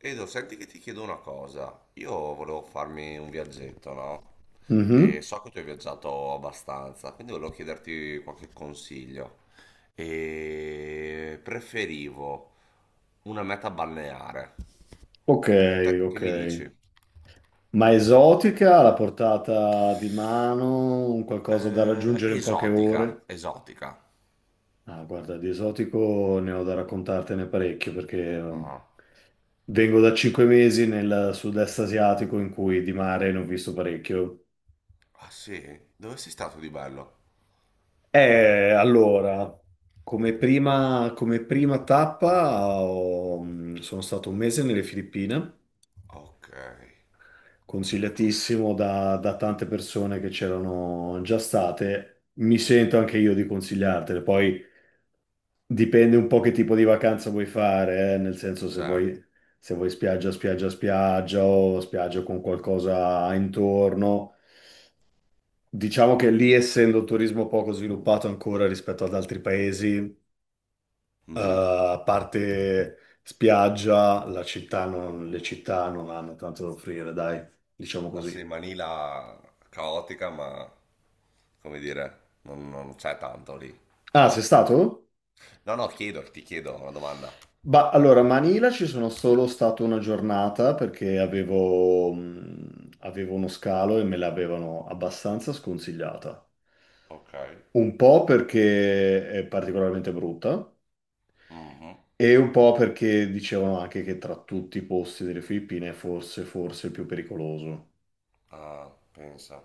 Edo, senti che ti chiedo una cosa. Io volevo farmi un viaggetto, no? E Mhm. so che tu hai viaggiato abbastanza, quindi volevo chiederti qualche consiglio. E preferivo una meta balneare. Ok, Che ok. mi dici? Ma esotica, alla portata di mano, un qualcosa da raggiungere in poche Esotica, ore? esotica. Ah, guarda, di esotico ne ho da raccontartene parecchio perché Ah. vengo da 5 mesi nel sud-est asiatico in cui di mare ne ho visto parecchio. Ah sì? Dove sei stato di bello? Allora, come prima tappa sono stato un mese nelle Filippine. Ok, Consigliatissimo da tante persone che c'erano già state. Mi sento anche io di consigliartele. Poi dipende un po' che tipo di vacanza vuoi fare, nel senso se certo. vuoi, se vuoi spiaggia, spiaggia, spiaggia o spiaggia con qualcosa intorno. Diciamo che lì, essendo un turismo poco sviluppato ancora rispetto ad altri paesi, Mhm. a parte spiaggia, la città non- le città non hanno tanto da offrire, dai, diciamo Ah sì, così. Manila caotica, ma come dire, non c'è tanto lì. Ah, sei stato? No, no, ti chiedo una domanda. Bah, allora, a Manila ci sono solo stato una giornata perché avevo uno scalo e me l'avevano abbastanza sconsigliata. Ok. Un po' perché è particolarmente brutta Mhm. e un po' perché dicevano anche che tra tutti i posti delle Filippine è forse il più pericoloso. Ah, pensa.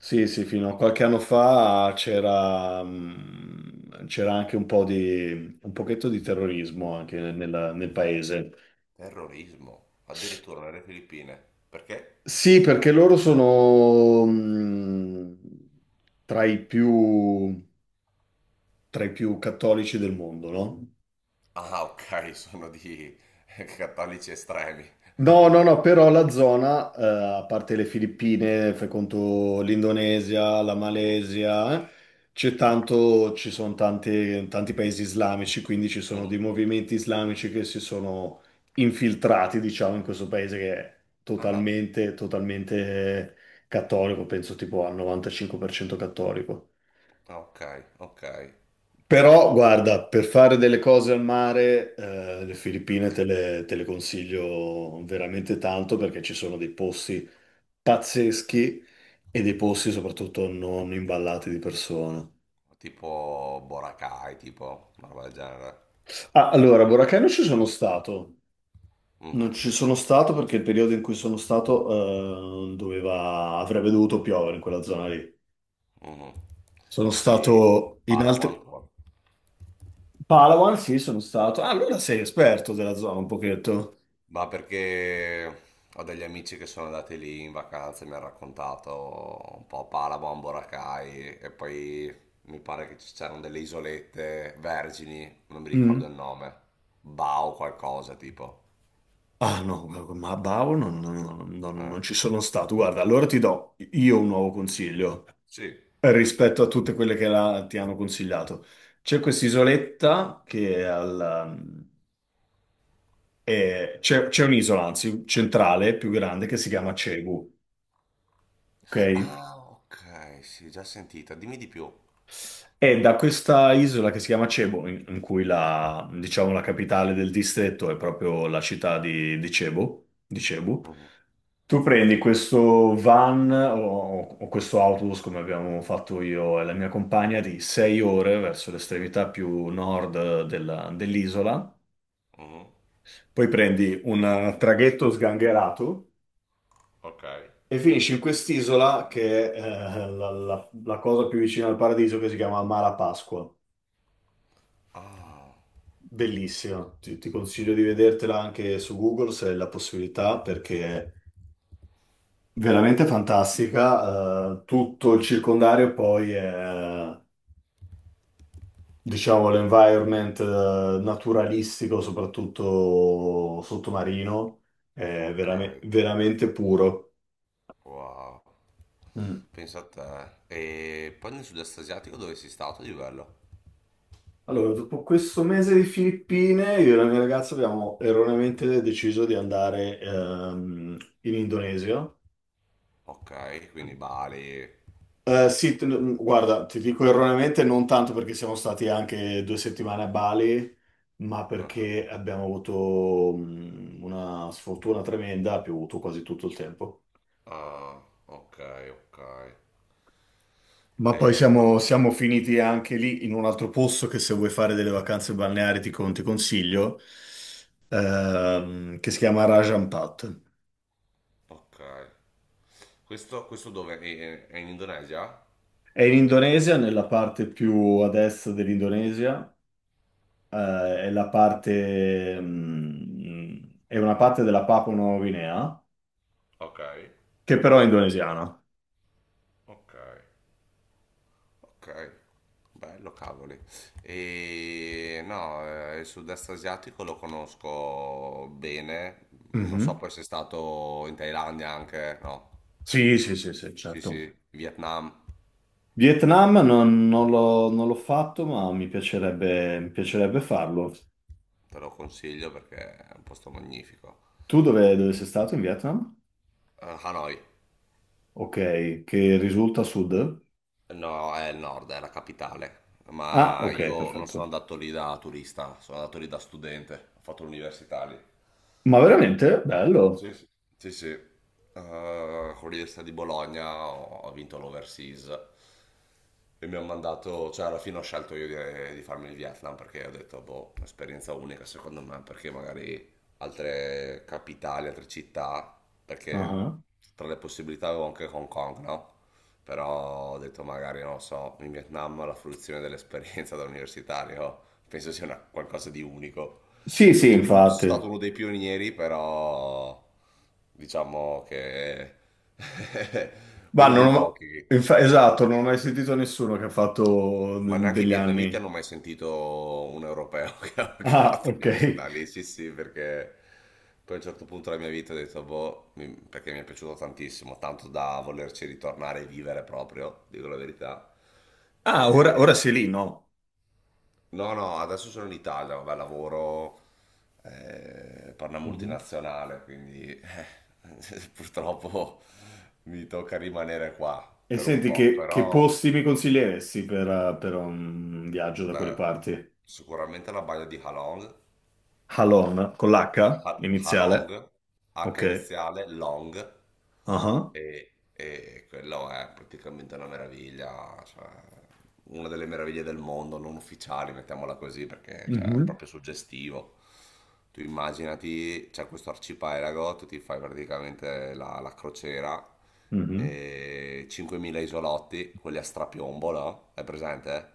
Sì, sì, fino a qualche anno fa c'era anche un po' di, un pochetto di terrorismo anche nel paese. Terrorismo. Addirittura nelle Filippine. Perché? Sì, perché loro sono tra i più, tra i più cattolici del mondo, no? Ah, ok, sono di cattolici estremi. No, no, no, però la zona, a parte le Filippine, fai conto l'Indonesia, la Mhm. Malesia, ci sono tanti paesi islamici, quindi ci sono Mhm. dei movimenti islamici che si sono infiltrati, diciamo, in questo paese che è Ah, totalmente, totalmente cattolico, penso tipo al 95% cattolico. ok, ok. Però, guarda, per fare delle cose al mare, le Filippine te le consiglio veramente tanto perché ci sono dei posti pazzeschi e dei posti soprattutto non imballati di persone. Tipo Boracay, tipo una roba del genere. Ah, allora, a Boracay non ci sono stato. Non Mhm, ci sono stato perché il periodo in cui sono stato doveva, avrebbe dovuto piovere in quella zona lì. mhm. Sono E stato in altri. Palawan. Palawan, sì, sono stato. Ah, allora sei esperto della zona un pochetto. Ma perché ho degli amici che sono andati lì in vacanza e mi hanno raccontato un po' Palabo, Amboracay e poi mi pare che ci c'erano delle isolette vergini, non mi ricordo Mm. il nome, Bao qualcosa tipo. Ah no, guarda, ma a Bau non, non- non- Eh, non ci sono stato. Guarda, allora ti do io un nuovo consiglio, sì. rispetto a tutte quelle che ti hanno consigliato. C'è quest'isoletta che ehm, c'è un'isola, anzi, centrale, più grande, che si chiama Cebu, ok? Ah, ok, sì, già sentita, dimmi di più. E da questa isola che si chiama Cebu, in cui diciamo, la capitale del distretto è proprio la città di Cebu, Mhm, tu prendi questo van o questo autobus, come abbiamo fatto io e la mia compagna, di 6 ore verso l'estremità più nord dell'isola. mhm, Poi prendi un traghetto sgangherato ok. e finisci in quest'isola che è la cosa più vicina al paradiso che si chiama Mala Pasqua. Ah, Bellissima. Ti consiglio di vedertela anche su Google se hai la possibilità perché è veramente fantastica. Tutto il circondario poi è, diciamo, ma- l'environment naturalistico, soprattutto sottomarino, è ok, veramente puro. wow, Mm. pensa a te. E poi nel sud-est asiatico dove sei stato di bello? Allora, dopo questo mese di Filippine, io e la mia ragazza abbiamo erroneamente deciso di andare in Indonesia. Ok, quindi Bali. Sì, guarda, ti dico erroneamente non tanto perché siamo stati anche 2 settimane a Bali, ma Ah, perché abbiamo avuto una sfortuna tremenda, ha piovuto quasi tutto il tempo. ah, ok, ok. Ma poi E qual- siamo, siamo finiti anche lì in un altro posto che se vuoi fare delle vacanze balneari ti consiglio, che si chiama Raja Ampat. ok. Questo dove? È in Indonesia? È in Indonesia, nella parte più a destra dell'Indonesia, eh, Ok, è una parte della Papua Nuova Guinea, ok, che però è indonesiana. ok, ok. Bello, cavoli. E no, il sud-est asiatico lo conosco bene. Non so Mhm. poi se è stato in Thailandia anche, no. Sì, sì, sì, sì, Sì, sì, certo. Vietnam, Vietnam non l'ho fatto, ma mi piacerebbe farlo. te lo consiglio perché è un posto magnifico. Tu dove sei stato in Vietnam? Hanoi. Ok, che risulta a sud? No, è il nord, è la capitale. Ah, Ma ok, io non sono perfetto. andato lì da turista, sono andato lì da studente. Ho fatto l'università lì. Ma veramente? Bello. Sì, sì, sì. Sì. Con l'Università di Bologna ho vinto l'Overseas e mi hanno mandato, cioè alla fine ho scelto io di farmi il Vietnam perché ho detto, boh, un'esperienza unica secondo me, perché magari altre capitali, altre città, perché Ah. tra le possibilità avevo anche Hong Kong, no? Però ho detto magari, non lo so, in Vietnam la fruizione dell'esperienza da universitario penso sia qualcosa di unico. Sì, sì, Non ti dico che sono stato infatti. uno dei pionieri, però diciamo che Ma uno dei non ho... pochi. infa- Esatto, non ho mai sentito nessuno che ha fatto Ma de- neanche i degli vietnamiti hanno anni. mai sentito un europeo che ha Ah, fatto ok. l'università lì, sì sì, perché poi a un certo punto della mia vita ho detto, boh, perché mi è piaciuto tantissimo, tanto da volerci ritornare e vivere proprio, dico la verità. Ah, ora E- sei lì, no? No, no, adesso sono in Italia, vabbè, lavoro per una Mhm. multinazionale, quindi purtroppo mi tocca rimanere qua E per un senti, po', che però posti mi consiglieresti per un viaggio da quelle beh, parti? sicuramente la baia di Halong. Halon, con l'H iniziale. Halong, H Ok. iniziale, Long, Ah. e quello è praticamente una meraviglia, cioè una delle meraviglie del mondo, non ufficiali, mettiamola così, perché cioè, è Mhm. proprio suggestivo. Tu immaginati, c'è questo arcipelago, tu ti fai praticamente la crociera, Mhm. e 5.000 isolotti, quelli a strapiombo, no? È presente?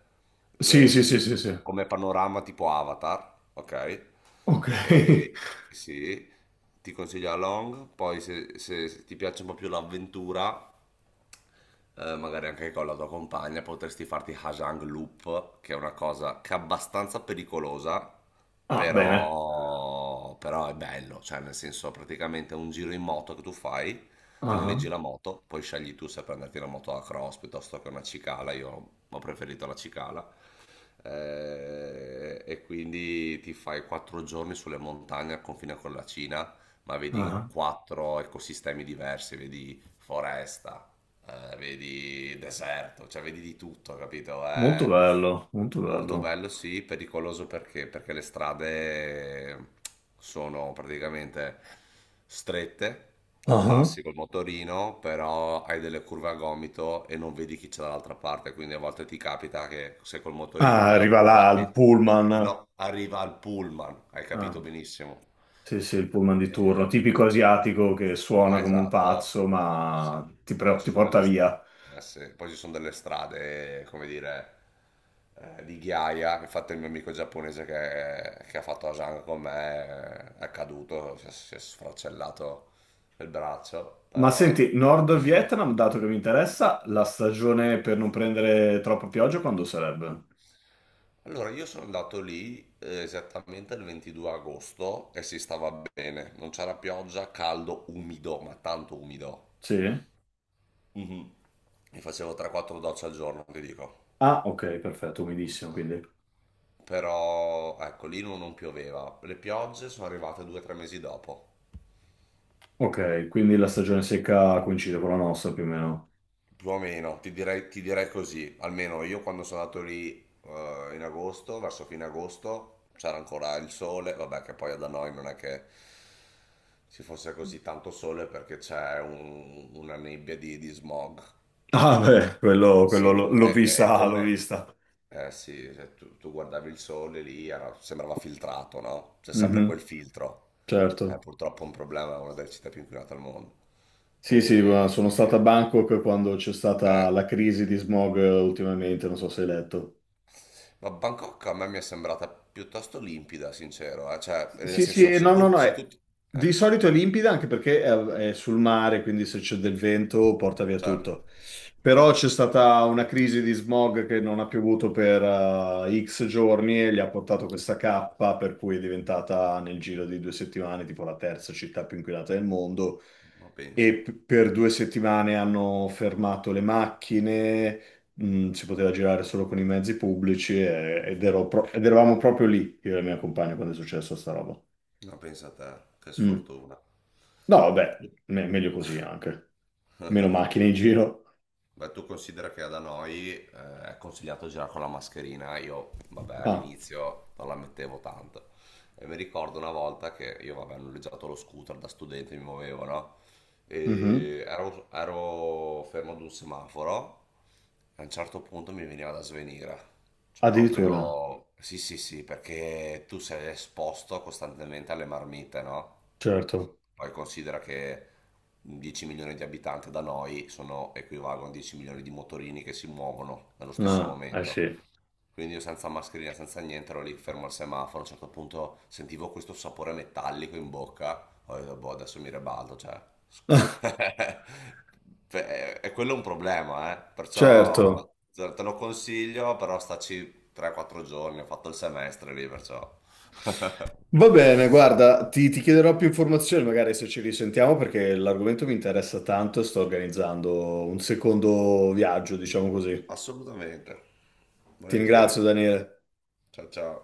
Sì, sì, Eh, sì, sì, sì. Come panorama tipo Avatar, ok? Ok. E, sì, ti consiglio la Long, poi se ti piace un po' più l'avventura, magari anche con la tua compagna, potresti farti Hajang Loop, che è una cosa che è abbastanza pericolosa, Ah, bene. però è bello, cioè nel senso praticamente è un giro in moto che tu fai, ti noleggi Ah, la moto, poi scegli tu se prenderti una moto a cross piuttosto che una cicala, io ho preferito la cicala. E quindi ti fai 4 giorni sulle montagne al confine con la Cina, ma vedi ah. quattro ecosistemi diversi, vedi foresta, vedi deserto, cioè vedi di tutto, capito? Molto È bello, molto molto bello. bello, sì, pericoloso perché le strade sono praticamente strette, tu Ah. passi col motorino, però hai delle curve a gomito e non vedi chi c'è dall'altra parte, quindi a volte ti capita che se col motorino Ah, fai la arriva curva là il pullman. no, arriva al pullman, hai capito Ah, benissimo. sì, sì, il pullman di turno, Eh, tipico asiatico che suona come un esatto. pazzo, Sì. ma Sì. ti, Poi pre- ci ti sono porta delle, via. Sì. Poi ci sono delle strade, come dire, di ghiaia. Infatti il mio amico giapponese che ha fatto Asan con me è caduto, si è sfracellato il braccio. Ma Però... senti, Nord Vietnam, dato che mi interessa, la stagione per non prendere troppa pioggia quando sarebbe? Allora, io sono andato lì esattamente il 22 agosto e si stava bene. Non c'era pioggia, caldo, umido, ma tanto umido. Sì? Mhm. Mi facevo 3-4 docce al giorno, ti dico. Ah, ok, perfetto, umidissimo, quindi. Però ecco, lì non pioveva. Le piogge sono arrivate 2 o 3 mesi dopo. Ok, quindi la stagione secca coincide con la nostra più o meno. Più o meno, ti direi così. Almeno io quando sono andato lì in agosto, verso fine agosto, c'era ancora il sole. Vabbè, che poi da noi non è che ci fosse così tanto sole perché c'è una nebbia di smog. Ah, Eh, beh, quello sì, l'ho non- l'ho è, è- è vista, l'ho come, vista. eh sì, cioè, tu guardavi il sole lì, sembrava filtrato, no? C'è sempre quel Mhm, filtro. È certo. purtroppo un problema, è una delle città più inquinate al mondo. Sì, sì, ma sono stato a E- Bangkok quando c'è stata eh. la crisi di smog ultimamente, non so se hai letto. Ma Bangkok a me mi è sembrata piuttosto limpida, sincero. Cioè, nel Sì, senso, sì, no, no, no, se tu eh, di solito è limpida anche perché è sul mare, quindi se c'è del vento porta via certo. tutto. Però Mhm. c'è stata una crisi di smog che non ha piovuto per X giorni e gli ha portato questa cappa, per cui è diventata nel giro di 2 settimane tipo la terza città più inquinata del mondo. Ma E penso, per 2 settimane hanno fermato le macchine. Si poteva girare solo con i mezzi pubblici ed eravamo proprio lì, io e la mia compagna, quando è successo sta roba. ma pensa a te, che Mm. sfortuna. No, vabbè, meglio così anche. Meno macchine in giro. Beh, tu considera che da noi è consigliato girare con la mascherina, io vabbè Ah, all'inizio non la mettevo tanto. E mi ricordo una volta che io vabbè ho noleggiato lo scooter da studente, mi muovevo, no? mhm. E ero fermo ad un semaforo e a un certo punto mi veniva da svenire. Cioè Addirittura. proprio... Sì, sì, sì, perché tu sei esposto costantemente alle marmite, no? Certo. Poi considera che 10 milioni di abitanti da noi sono, equivalgono a 10 milioni di motorini che si muovono nello stesso Ah, eh momento. sì. Quindi io senza mascherina, senza niente, ero lì fermo al semaforo. A un certo punto sentivo questo sapore metallico in bocca. Ho detto, boh, adesso mi ribalto, cioè... Beh, e quello è un problema, eh. Perciò Certo. te lo consiglio, però staci 3-4 giorni. Ho fatto il semestre lì, perciò... Va bene, guarda, ti chiederò più informazioni magari se ci risentiamo perché l'argomento mi interessa tanto e sto organizzando un secondo viaggio, diciamo così. Assolutamente. Ti ringrazio, Volentieri. Daniele. Ciao ciao.